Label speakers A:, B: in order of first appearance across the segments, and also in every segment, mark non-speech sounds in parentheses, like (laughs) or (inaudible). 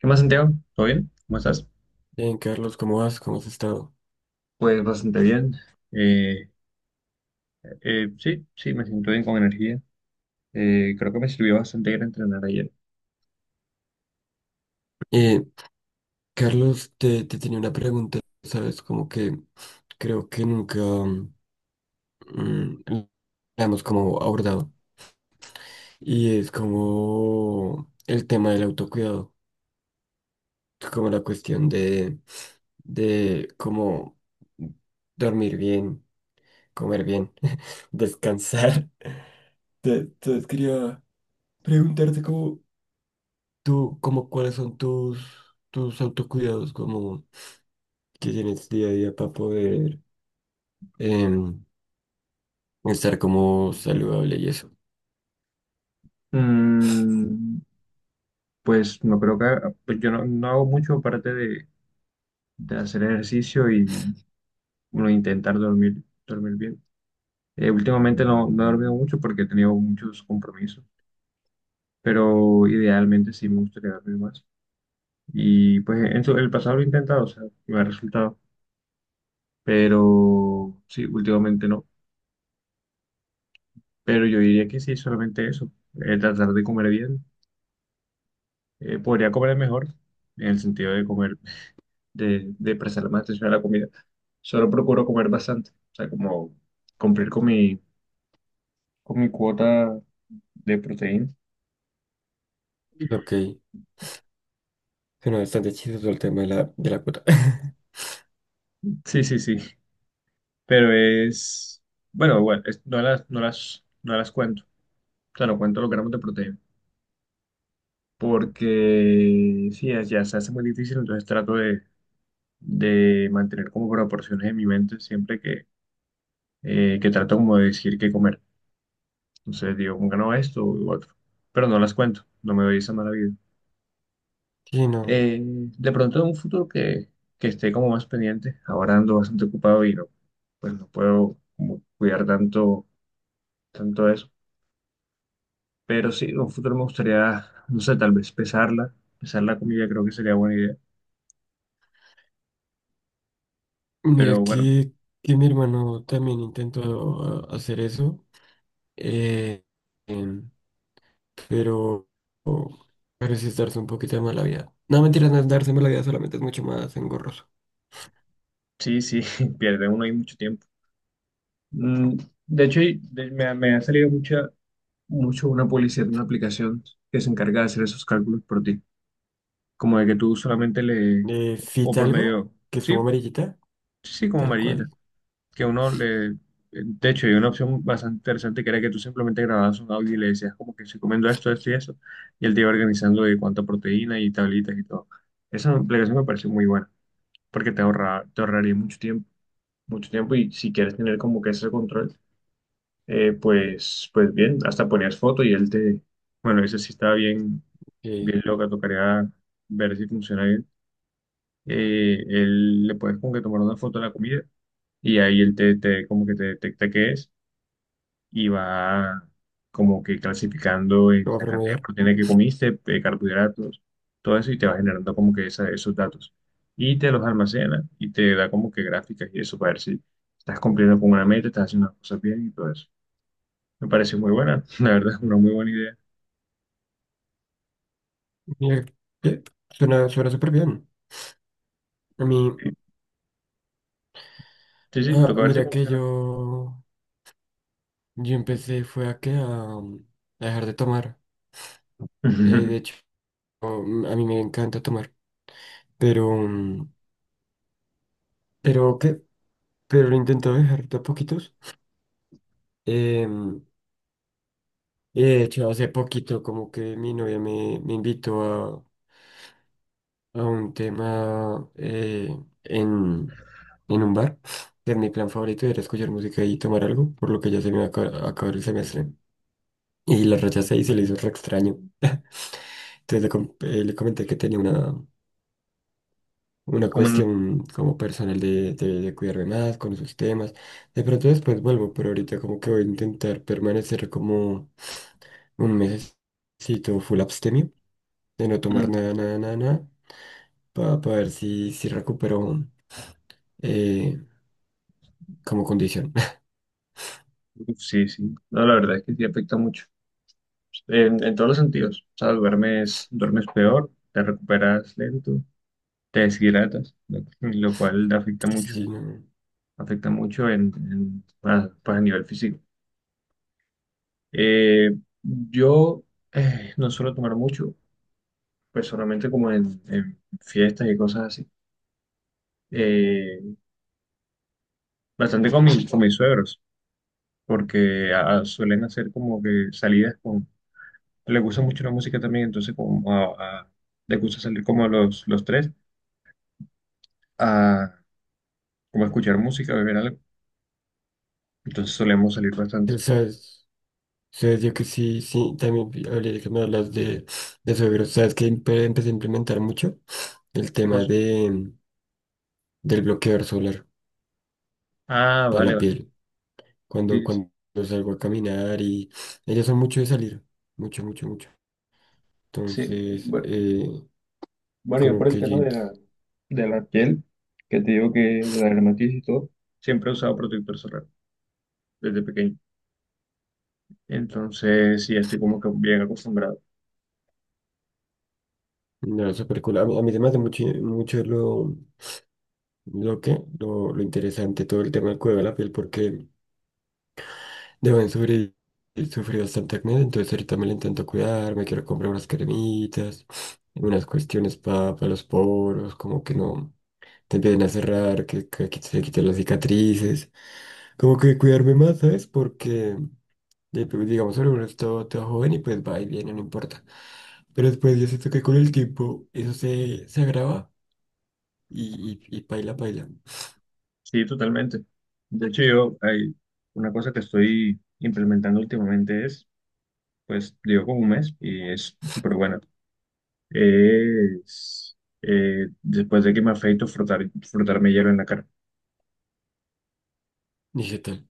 A: ¿Qué más, Santiago? ¿Todo bien? ¿Cómo estás?
B: Bien, Carlos, ¿cómo vas? ¿Cómo has estado?
A: Pues bastante bien. Eh, sí, sí, me siento bien con energía. Creo que me sirvió bastante ir a entrenar ayer.
B: Eh, Carlos, te tenía una pregunta, ¿sabes? Como que creo que nunca mm, la hemos como abordado. Y es como el tema del autocuidado, como la cuestión de cómo dormir bien, comer bien, (laughs) descansar. Entonces quería preguntarte como tú, como cuáles son tus autocuidados, como... que tienes día a día para poder em, estar como saludable y eso.
A: Mm, pues no creo pues yo no hago mucho aparte de hacer ejercicio y bueno, intentar dormir, dormir bien. Últimamente no he dormido mucho porque he tenido muchos compromisos, pero idealmente sí me gustaría dormir más. Y pues el pasado lo he intentado, o sea, me ha resultado, pero sí, últimamente no. Pero yo diría que sí, solamente eso, tratar de comer bien. Podría comer mejor, en el sentido de comer, de prestarle más atención a la comida. Solo procuro comer bastante, o sea, como cumplir con con mi cuota de proteína.
B: Ok, suena bastante chistoso el tema de la cuota. (laughs)
A: Sí, sí, sí, pero es, bueno, bueno, no no no las cuento, o sea, no cuento los gramos de proteína, porque sí, ya se hace muy difícil, entonces trato de mantener como proporciones en mi mente siempre que trato como de decir qué comer. Entonces digo, como que no, esto u otro. Pero no las cuento, no me doy esa mala vida.
B: Sí, no.
A: De pronto en un futuro que esté como más pendiente, ahora ando bastante ocupado y no, pues no puedo como cuidar tanto, tanto eso. Pero sí, en un futuro me gustaría, no sé, tal vez pesarla, pesar la comida creo que sería buena idea.
B: Mira
A: Pero bueno,
B: que mi hermano también hacer eso, eh, em, pero, pero sí es darse un poquito de mala vida. No, mentira, no es darse mala vida, solamente es mucho más engorroso.
A: sí, sí, (laughs) pierde uno ahí mucho tiempo. Mm, De hecho, me ha salido mucho una publicidad de una aplicación que se encarga de hacer esos cálculos por ti. Como de que tú solamente o
B: Fit
A: por
B: algo,
A: medio,
B: que es
A: sí,
B: como amarillita,
A: sí, sí, como
B: tal cual,
A: amarillita, que uno de hecho, hay una opción bastante interesante que era que tú simplemente grababas un audio y le decías como que se comiendo esto, esto y eso, y él te iba organizando de cuánta proteína y tablitas y todo. Esa aplicación me pareció muy buena, porque te te ahorraría mucho tiempo, y si quieres tener como que ese control, pues, pues bien, hasta ponías foto y él te, bueno, ese sí estaba bien
B: que
A: bien loca, tocaría ver si funciona bien. Él le puedes como que tomar una foto de la comida y ahí él te, como que te detecta qué es y va como que clasificando en
B: lo va a
A: la cantidad de
B: promediar.
A: proteína que comiste, de carbohidratos, todo eso y te va generando como que esos datos. Y te los almacena y te da como que gráficas y eso para ver si estás cumpliendo con una meta, estás haciendo las cosas bien y todo eso. Me parece muy buena, (laughs) la verdad, una muy buena idea.
B: Mira, que suena súper bien. A mí.
A: Sí, sí,
B: Ah,
A: toca ver si
B: mira que
A: funciona.
B: yo empecé fue a, um, a dejar de tomar. De
A: (laughs)
B: hecho, a mí me encanta tomar, pero, pero qué, pero lo intento dejar de a poquitos. Em, y de hecho, hace poquito como que mi novia me invitó a un tema en, en un bar. Que mi plan favorito era escuchar música y tomar algo, por lo que ya se me va a acabar el semestre. Y la rechacé y se le hizo re extraño. Entonces le comenté que tenía una
A: Como
B: cuestión como personal de, de cuidarme más con esos temas. De pronto después vuelvo, pero ahorita como que voy a intentar permanecer como un mesecito full abstemio, de no tomar
A: en-
B: nada, nada, nada, nada, para ver si, si recupero eh, como condición. (laughs)
A: Sí, sí. No, la verdad es que sí afecta mucho. En todos los sentidos. O sea, duermes, duermes peor, te recuperas lento, te deshidratas, lo cual te afecta mucho.
B: Sí, no.
A: Afecta mucho a, pues a nivel físico. Eh, yo No suelo tomar mucho, pues solamente como en fiestas y cosas así. Eh, Bastante con mis suegros, porque ah, suelen hacer como que salidas le gusta mucho la música también, entonces como le gusta salir como a los tres, a como a escuchar música, a beber algo. Entonces solemos salir
B: Tú
A: bastante.
B: ¿Sabes? ¿Sabes? Yo que sí, sí, también hablé de que me hablas de suegros. ¿Sabes que empecé a implementar mucho? El
A: ¿Qué
B: tema
A: cosa?
B: del bloqueador solar
A: Ah,
B: para
A: vale,
B: la
A: vale.
B: piel. Cuando,
A: Sí, sí.
B: cuando salgo a caminar y ellas son mucho de salir, mucho, mucho, mucho.
A: Sí,
B: Entonces,
A: bueno, bueno, yo
B: como
A: por el
B: que
A: tema de
B: jeans,
A: de la piel, que te digo que de la dermatitis y todo, siempre he usado protector solar desde pequeño. Entonces, sí, estoy como que bien acostumbrado.
B: no, súper cool. A mí se me hace mucho, mucho lo interesante, todo el tema del cuidado de la piel, porque deben sufrir, sufrir bastante acné, entonces ahorita me lo intento cuidar, me quiero comprar unas cremitas, unas cuestiones para los poros, como que no te empiecen a cerrar, que se quiten las cicatrices. Como que cuidarme más, ¿sabes? Porque, pues, digamos, ahora uno está todo joven y pues va y viene, no importa. Pero después yo siento que con el tiempo eso se, se agrava y paila, paila.
A: Sí, totalmente. De hecho, yo hay una cosa que estoy implementando últimamente es pues digo como un mes y es súper buena. Es después de que me afeito, frotarme hielo en la cara.
B: ¿Y qué tal?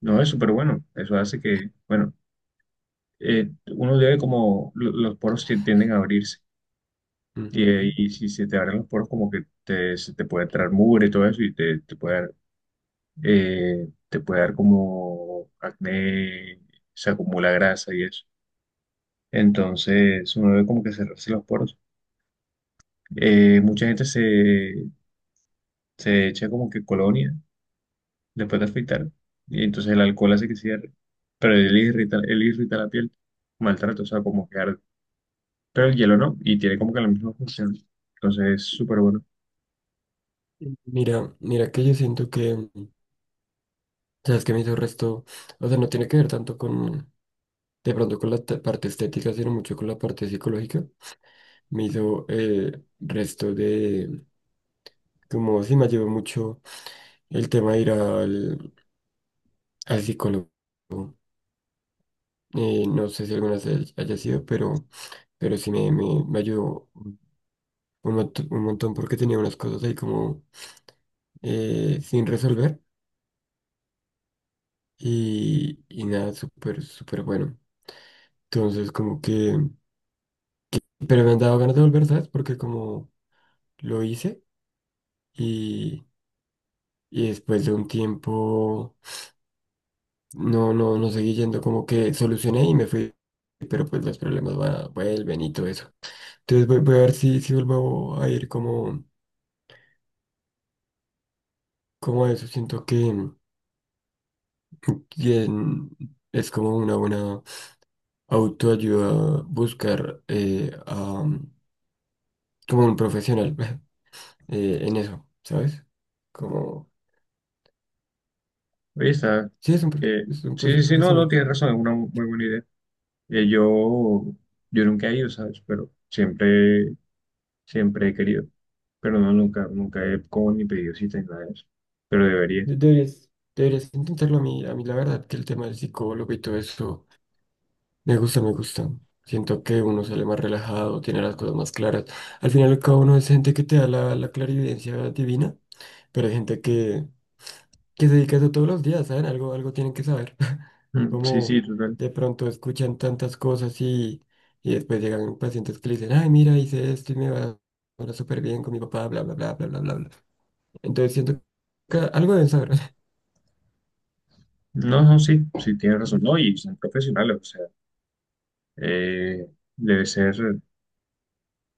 A: No, es súper bueno. Eso hace que, bueno, uno debe como los poros tienden a abrirse.
B: Ujú.
A: Y si se te abren los poros, como que te, se te puede entrar mugre y todo eso, y te, te puede dar como acné, se acumula grasa y eso. Entonces, uno debe como que cerrarse los poros. Mucha gente se, se echa como que colonia después de afeitar y entonces el alcohol hace que cierre, pero él irrita la piel, maltrato, o sea, como que arde. Pero el hielo no, y tiene como que la misma función, entonces es súper bueno.
B: Mira, mira que yo siento que, sabes que me hizo resto, o sea, no tiene que ver tanto con, de pronto con la parte estética, sino mucho con la parte psicológica. Me hizo resto de, como si me llevó mucho el tema de ir al, al psicólogo. No sé si alguna vez haya sido, pero sí me ayudó un montón porque tenía unas cosas ahí como sin resolver y nada, súper, súper bueno. Entonces, como que, pero me han dado ganas de volver, ¿sabes? Porque como lo hice y, y después de un tiempo no seguí yendo, como que solucioné y me fui, pero pues los problemas van, vuelven y todo eso. Entonces voy a ver si, si vuelvo a ir como, como a eso. Siento que es como una buena autoayuda buscar a, como un profesional (laughs) en eso, ¿sabes? Como,
A: Oye, está,
B: sí, es
A: eh,
B: es un,
A: sí,
B: pues,
A: sí,
B: un
A: sí, no, no,
B: profesional.
A: tienes razón, es una muy buena idea. Eh, yo, yo nunca he ido, ¿sabes? Pero siempre, siempre he querido, pero no, nunca, nunca he como ni pedido cita ni nada de eso, pero debería.
B: Deberías, deberías intentarlo. A mí, a mí la verdad que el tema del psicólogo y todo eso me gusta, me gusta. Siento que uno sale más relajado, tiene las cosas más claras. Al final, cada uno es gente que te da la, la clarividencia divina. Pero hay gente que se dedica a eso todos los días, ¿saben? Algo, algo tienen que saber. (laughs)
A: Sí, sí,
B: Como
A: total.
B: de pronto escuchan tantas cosas y después llegan pacientes que le dicen, ay, mira, hice esto y me va ahora súper bien con mi papá, bla, bla, bla, bla, bla, bla, bla. Entonces siento que algo deben saber. (laughs)
A: No, no, sí, sí, tienes razón.
B: Ujú.
A: No, y son profesionales, o sea. eh, Debe ser,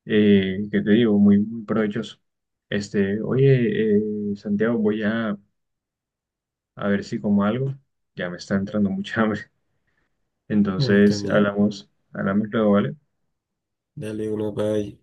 A: ¿qué te digo? Muy, muy provechoso. Este, oye, Santiago, voy a ver si como algo. Ya me está entrando mucha (laughs) hambre.
B: A mí
A: Entonces,
B: también.
A: hablamos, hablamos luego, ¿vale?
B: Dale, uno, bye.